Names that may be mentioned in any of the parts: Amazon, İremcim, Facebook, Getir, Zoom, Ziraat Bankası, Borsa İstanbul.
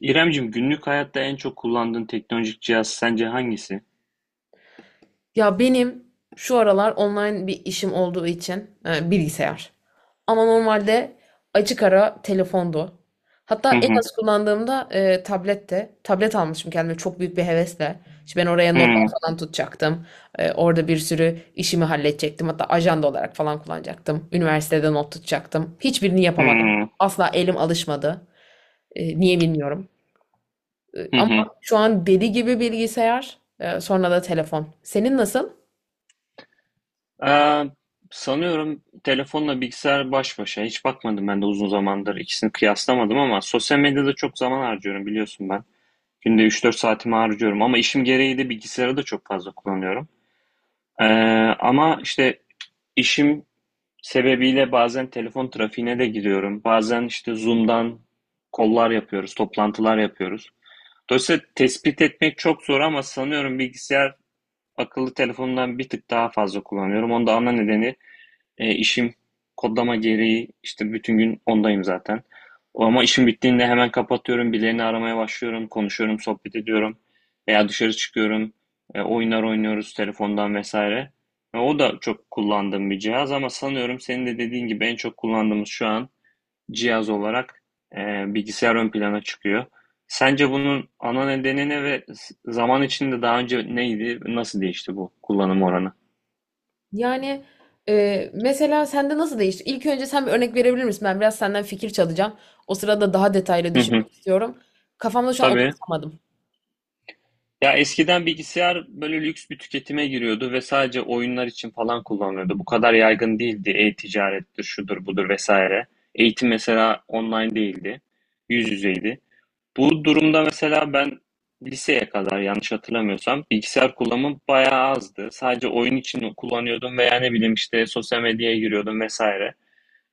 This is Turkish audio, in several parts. İremcim, günlük hayatta en çok kullandığın teknolojik cihaz sence hangisi? Ya benim şu aralar online bir işim olduğu için bilgisayar. Ama normalde açık ara telefondu. Hatta Hı en hı, az kullandığımda tablette. Tablet almışım kendime çok büyük bir hevesle. İşte ben oraya notlar hı falan tutacaktım. Orada bir sürü işimi halledecektim. Hatta ajanda olarak falan kullanacaktım. Üniversitede not tutacaktım. Hiçbirini yapamadım. hı, Asla elim alışmadı. Niye bilmiyorum. Hı Ama hı. şu an deli gibi bilgisayar, sonra da telefon. Senin nasıl? Aa, sanıyorum telefonla bilgisayar baş başa. Hiç bakmadım ben de uzun zamandır. İkisini kıyaslamadım ama sosyal medyada çok zaman harcıyorum biliyorsun ben. Günde 3-4 saatimi harcıyorum ama işim gereği de bilgisayarı da çok fazla kullanıyorum. Ee, ama işte işim sebebiyle bazen telefon trafiğine de giriyorum. Bazen işte Zoom'dan kollar yapıyoruz, toplantılar yapıyoruz. Dolayısıyla tespit etmek çok zor ama sanıyorum bilgisayar akıllı telefonundan bir tık daha fazla kullanıyorum. Onun da ana nedeni işim kodlama gereği işte bütün gün ondayım zaten. Ama işim bittiğinde hemen kapatıyorum, birilerini aramaya başlıyorum, konuşuyorum, sohbet ediyorum veya dışarı çıkıyorum, oyunlar oynuyoruz telefondan vesaire. O da çok kullandığım bir cihaz ama sanıyorum senin de dediğin gibi en çok kullandığımız şu an cihaz olarak e, bilgisayar ön plana çıkıyor. Sence bunun ana nedeni ne ve zaman içinde daha önce neydi, nasıl değişti bu kullanım oranı? Yani mesela sende nasıl değişti? İlk önce sen bir örnek verebilir misin? Ben biraz senden fikir çalacağım. O sırada daha detaylı Hı hı. düşünmek istiyorum. Kafamda şu an Tabii. oturtamadım. Ya eskiden bilgisayar böyle lüks bir tüketime giriyordu ve sadece oyunlar için falan kullanılıyordu. Bu kadar yaygın değildi. E-ticarettir, şudur budur vesaire. Eğitim mesela online değildi. Yüz yüzeydi. Bu durumda mesela ben liseye kadar yanlış hatırlamıyorsam bilgisayar kullanımım bayağı azdı. Sadece oyun için kullanıyordum veya ne bileyim işte sosyal medyaya giriyordum vesaire.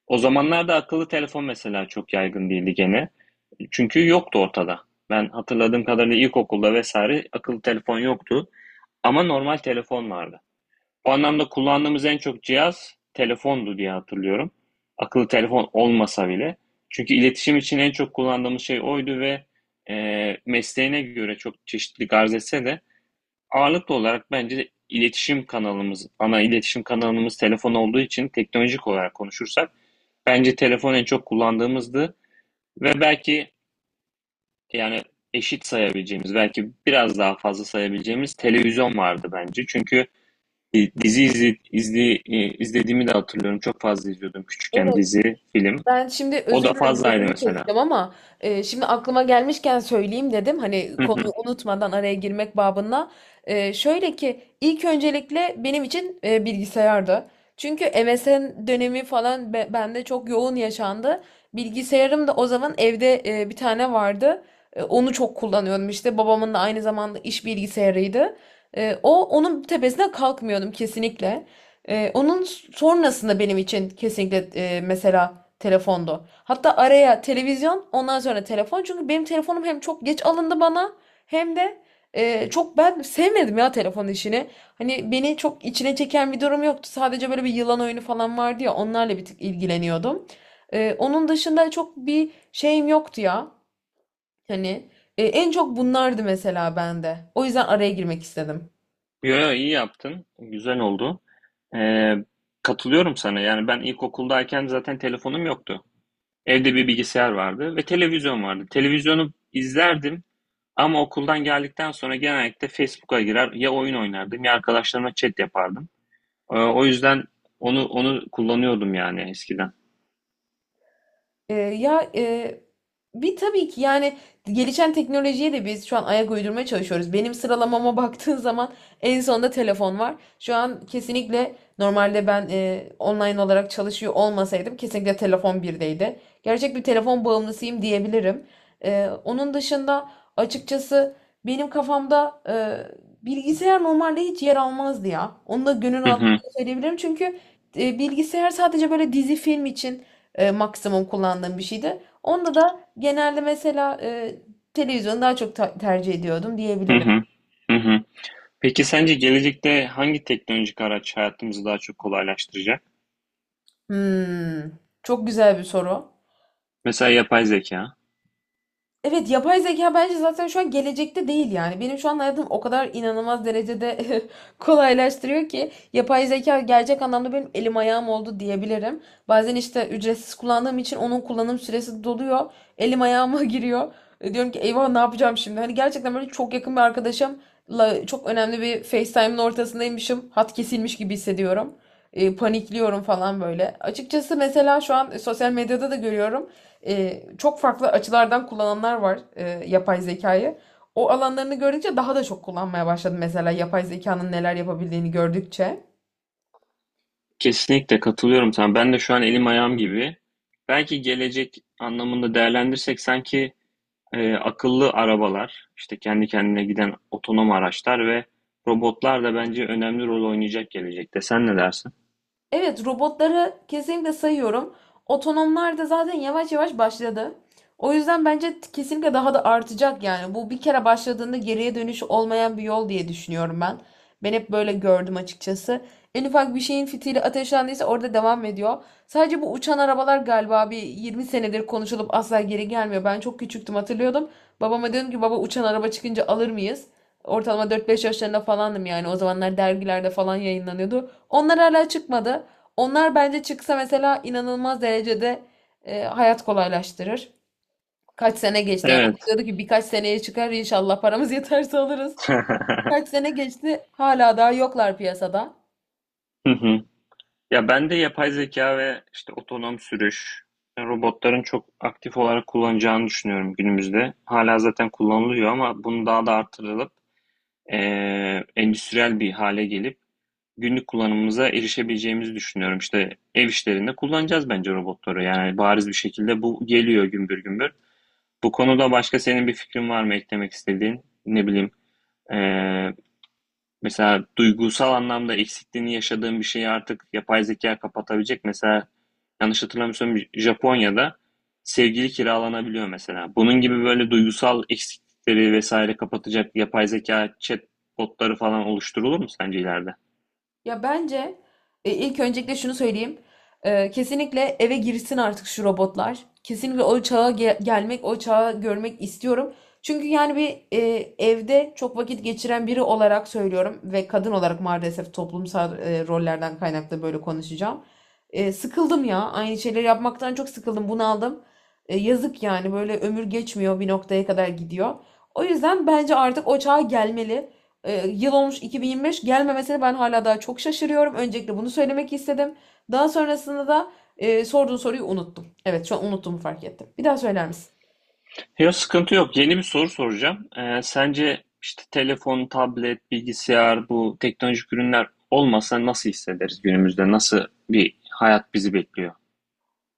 O zamanlarda akıllı telefon mesela çok yaygın değildi gene. Çünkü yoktu ortada. Ben hatırladığım kadarıyla ilkokulda vesaire akıllı telefon yoktu. Ama normal telefon vardı. O anlamda kullandığımız en çok cihaz telefondu diye hatırlıyorum. Akıllı telefon olmasa bile. Çünkü iletişim için en çok kullandığımız şey oydu ve mesleğine göre çok çeşitli arz etse de ağırlıklı olarak bence iletişim kanalımız, ana iletişim kanalımız telefon olduğu için teknolojik olarak konuşursak bence telefon en çok kullandığımızdı ve belki yani eşit sayabileceğimiz, belki biraz daha fazla sayabileceğimiz televizyon vardı bence. Çünkü Dizi izlediğimi de hatırlıyorum. Çok fazla izliyordum küçükken dizi, film. Ben şimdi O özür da dilerim fazlaydı lafını mesela. keseceğim ama şimdi aklıma gelmişken söyleyeyim dedim. Hani Hı konuyu hı. unutmadan araya girmek babında. Şöyle ki ilk öncelikle benim için bilgisayardı. Çünkü MSN dönemi falan bende çok yoğun yaşandı. Bilgisayarım da o zaman evde bir tane vardı. Onu çok kullanıyordum işte. Babamın da aynı zamanda iş bilgisayarıydı. O onun tepesine kalkmıyordum kesinlikle. Onun sonrasında benim için kesinlikle mesela telefondu. Hatta araya televizyon ondan sonra telefon. Çünkü benim telefonum hem çok geç alındı bana hem de çok ben sevmedim ya telefon işini. Hani beni çok içine çeken bir durum yoktu. Sadece böyle bir yılan oyunu falan vardı ya onlarla bir tık ilgileniyordum. Onun dışında çok bir şeyim yoktu ya. Hani en çok bunlardı mesela bende. O yüzden araya girmek istedim. Yo, yo, iyi yaptın. Güzel oldu. Ee, katılıyorum sana. Yani ben ilkokuldayken zaten telefonum yoktu. Evde bir bilgisayar vardı ve televizyon vardı. Televizyonu izlerdim ama okuldan geldikten sonra genellikle Facebook'a girer ya oyun oynardım ya arkadaşlarımla chat yapardım. O yüzden onu kullanıyordum yani eskiden. Ya bir tabii ki yani gelişen teknolojiye de biz şu an ayak uydurmaya çalışıyoruz. Benim sıralamama baktığın zaman en sonda telefon var. Şu an kesinlikle normalde ben online olarak çalışıyor olmasaydım kesinlikle telefon birdeydi. Gerçek bir telefon bağımlısıyım diyebilirim. Onun dışında açıkçası benim kafamda bilgisayar normalde hiç yer almazdı ya. Onu da gönül Hı hı. rahatlığıyla söyleyebilirim çünkü bilgisayar sadece böyle dizi film için maksimum kullandığım bir şeydi. Onda da genelde mesela televizyonu daha çok tercih ediyordum Hı diyebilirim. hı. Hı hı. Peki sence gelecekte hangi teknolojik araç hayatımızı daha çok kolaylaştıracak? Hmm, çok güzel bir soru. Mesela yapay zeka. Evet, yapay zeka bence zaten şu an gelecekte değil yani. Benim şu an hayatım o kadar inanılmaz derecede kolaylaştırıyor ki yapay zeka gerçek anlamda benim elim ayağım oldu diyebilirim. Bazen işte ücretsiz kullandığım için onun kullanım süresi doluyor. Elim ayağıma giriyor. Diyorum ki eyvah ne yapacağım şimdi? Hani gerçekten böyle çok yakın bir arkadaşımla çok önemli bir FaceTime'ın ortasındaymışım. Hat kesilmiş gibi hissediyorum. Panikliyorum falan böyle. Açıkçası mesela şu an sosyal medyada da görüyorum çok farklı açılardan kullananlar var yapay zekayı. O alanlarını gördükçe daha da çok kullanmaya başladım mesela yapay zekanın neler yapabildiğini gördükçe. Kesinlikle katılıyorum sana. Ben de şu an elim ayağım gibi. Belki gelecek anlamında değerlendirsek sanki akıllı arabalar, işte kendi kendine giden otonom araçlar ve robotlar da bence önemli rol oynayacak gelecekte. Sen ne dersin? Evet, robotları kesinlikle sayıyorum. Otonomlar da zaten yavaş yavaş başladı. O yüzden bence kesinlikle daha da artacak yani. Bu bir kere başladığında geriye dönüş olmayan bir yol diye düşünüyorum ben. Ben hep böyle gördüm açıkçası. En ufak bir şeyin fitili ateşlendiyse orada devam ediyor. Sadece bu uçan arabalar galiba bir 20 senedir konuşulup asla geri gelmiyor. Ben çok küçüktüm, hatırlıyordum. Babama dedim ki baba uçan araba çıkınca alır mıyız? Ortalama 4-5 yaşlarında falandım yani. O zamanlar dergilerde falan yayınlanıyordu. Onlar hala çıkmadı. Onlar bence çıksa mesela inanılmaz derecede hayat kolaylaştırır. Kaç sene geçti yani. Umut Evet. diyordu ki birkaç seneye çıkar inşallah paramız yeterse alırız. Kaç sene geçti hala daha yoklar piyasada. Ya ben de yapay zeka ve işte otonom sürüş, robotların çok aktif olarak kullanacağını düşünüyorum günümüzde. Hala zaten kullanılıyor ama bunu daha da artırılıp endüstriyel bir hale gelip günlük kullanımımıza erişebileceğimizi düşünüyorum. İşte ev işlerinde kullanacağız bence robotları. Yani bariz bir şekilde bu geliyor gümbür gümbür. Bu konuda başka senin bir fikrin var mı eklemek istediğin? Ne bileyim, eee, mesela duygusal anlamda eksikliğini yaşadığın bir şeyi artık yapay zeka kapatabilecek. Mesela yanlış hatırlamıyorsam Japonya'da sevgili kiralanabiliyor mesela. Bunun gibi böyle duygusal eksiklikleri vesaire kapatacak yapay zeka, chatbotları falan oluşturulur mu sence ileride? Ya bence ilk öncelikle şunu söyleyeyim. Kesinlikle eve girsin artık şu robotlar. Kesinlikle o çağa gelmek, o çağı görmek istiyorum. Çünkü yani bir evde çok vakit geçiren biri olarak söylüyorum ve kadın olarak maalesef toplumsal rollerden kaynaklı böyle konuşacağım. Sıkıldım ya. Aynı şeyleri yapmaktan çok sıkıldım, bunaldım. Yazık yani böyle ömür geçmiyor bir noktaya kadar gidiyor. O yüzden bence artık o çağa gelmeli. Yıl olmuş 2025 gelmemesine ben hala daha çok şaşırıyorum. Öncelikle bunu söylemek istedim. Daha sonrasında da sorduğun soruyu unuttum. Evet şu an unuttuğumu fark ettim. Bir daha söyler misin? Yok sıkıntı yok. Yeni bir soru soracağım. Sence işte telefon, tablet, bilgisayar bu teknolojik ürünler olmasa nasıl hissederiz günümüzde? Nasıl bir hayat bizi bekliyor?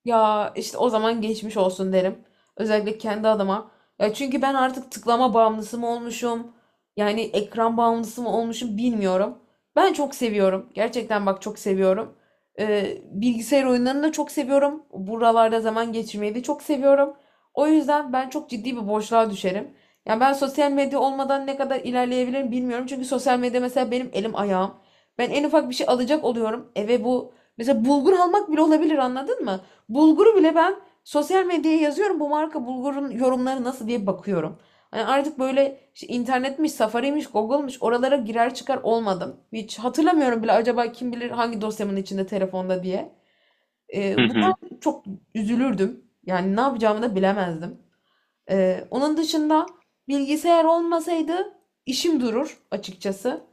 Ya işte o zaman geçmiş olsun derim. Özellikle kendi adıma. Ya çünkü ben artık tıklama bağımlısı mı olmuşum? Yani ekran bağımlısı mı olmuşum bilmiyorum. Ben çok seviyorum. Gerçekten bak çok seviyorum. Bilgisayar oyunlarını da çok seviyorum. Buralarda zaman geçirmeyi de çok seviyorum. O yüzden ben çok ciddi bir boşluğa düşerim. Yani ben sosyal medya olmadan ne kadar ilerleyebilirim bilmiyorum. Çünkü sosyal medya mesela benim elim ayağım. Ben en ufak bir şey alacak oluyorum. Eve bu mesela bulgur almak bile olabilir, anladın mı? Bulguru bile ben sosyal medyaya yazıyorum bu marka bulgurun yorumları nasıl diye bakıyorum. Hani artık böyle işte internetmiş, Safari'miş, Google'mış oralara girer çıkar olmadım. Hiç hatırlamıyorum bile acaba kim bilir hangi dosyamın içinde telefonda diye. Hı hı. Bunlar çok üzülürdüm. Yani ne yapacağımı da bilemezdim. Onun dışında bilgisayar olmasaydı işim durur açıkçası.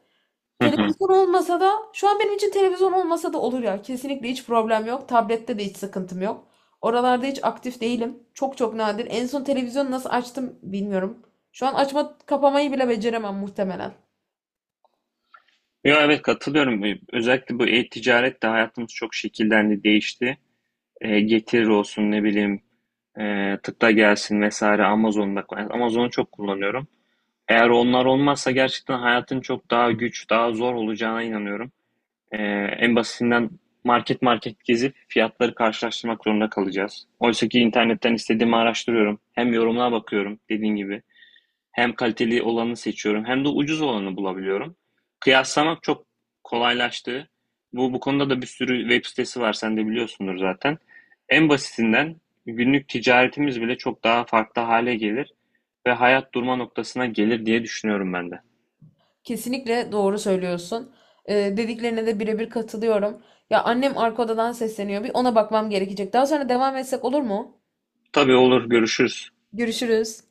Hı hı. Televizyon olmasa da şu an benim için televizyon olmasa da olur ya. Kesinlikle hiç problem yok. Tablette de hiç sıkıntım yok. Oralarda hiç aktif değilim. Çok çok nadir. En son televizyonu nasıl açtım bilmiyorum. Şu an açma kapamayı bile beceremem muhtemelen. Ya evet katılıyorum. Özellikle bu e-ticaret de hayatımız çok şekillendi, değişti. Getir olsun ne bileyim tıkla gelsin vesaire Amazon'da. Amazon'u çok kullanıyorum. Eğer onlar olmazsa gerçekten hayatın çok daha güç, daha zor olacağına inanıyorum. E, en basitinden market market gezip fiyatları karşılaştırmak zorunda kalacağız. Oysa ki internetten istediğimi araştırıyorum. Hem yorumlara bakıyorum dediğin gibi. Hem kaliteli olanı seçiyorum hem de ucuz olanı bulabiliyorum. Kıyaslamak çok kolaylaştı. Bu, bu konuda da bir sürü web sitesi var. Sen de biliyorsundur zaten. En basitinden günlük ticaretimiz bile çok daha farklı hale gelir ve hayat durma noktasına gelir diye düşünüyorum ben de. Kesinlikle doğru söylüyorsun. Dediklerine de birebir katılıyorum. Ya annem arka odadan sesleniyor. Bir ona bakmam gerekecek. Daha sonra devam etsek olur mu? Tabii olur, görüşürüz. Görüşürüz.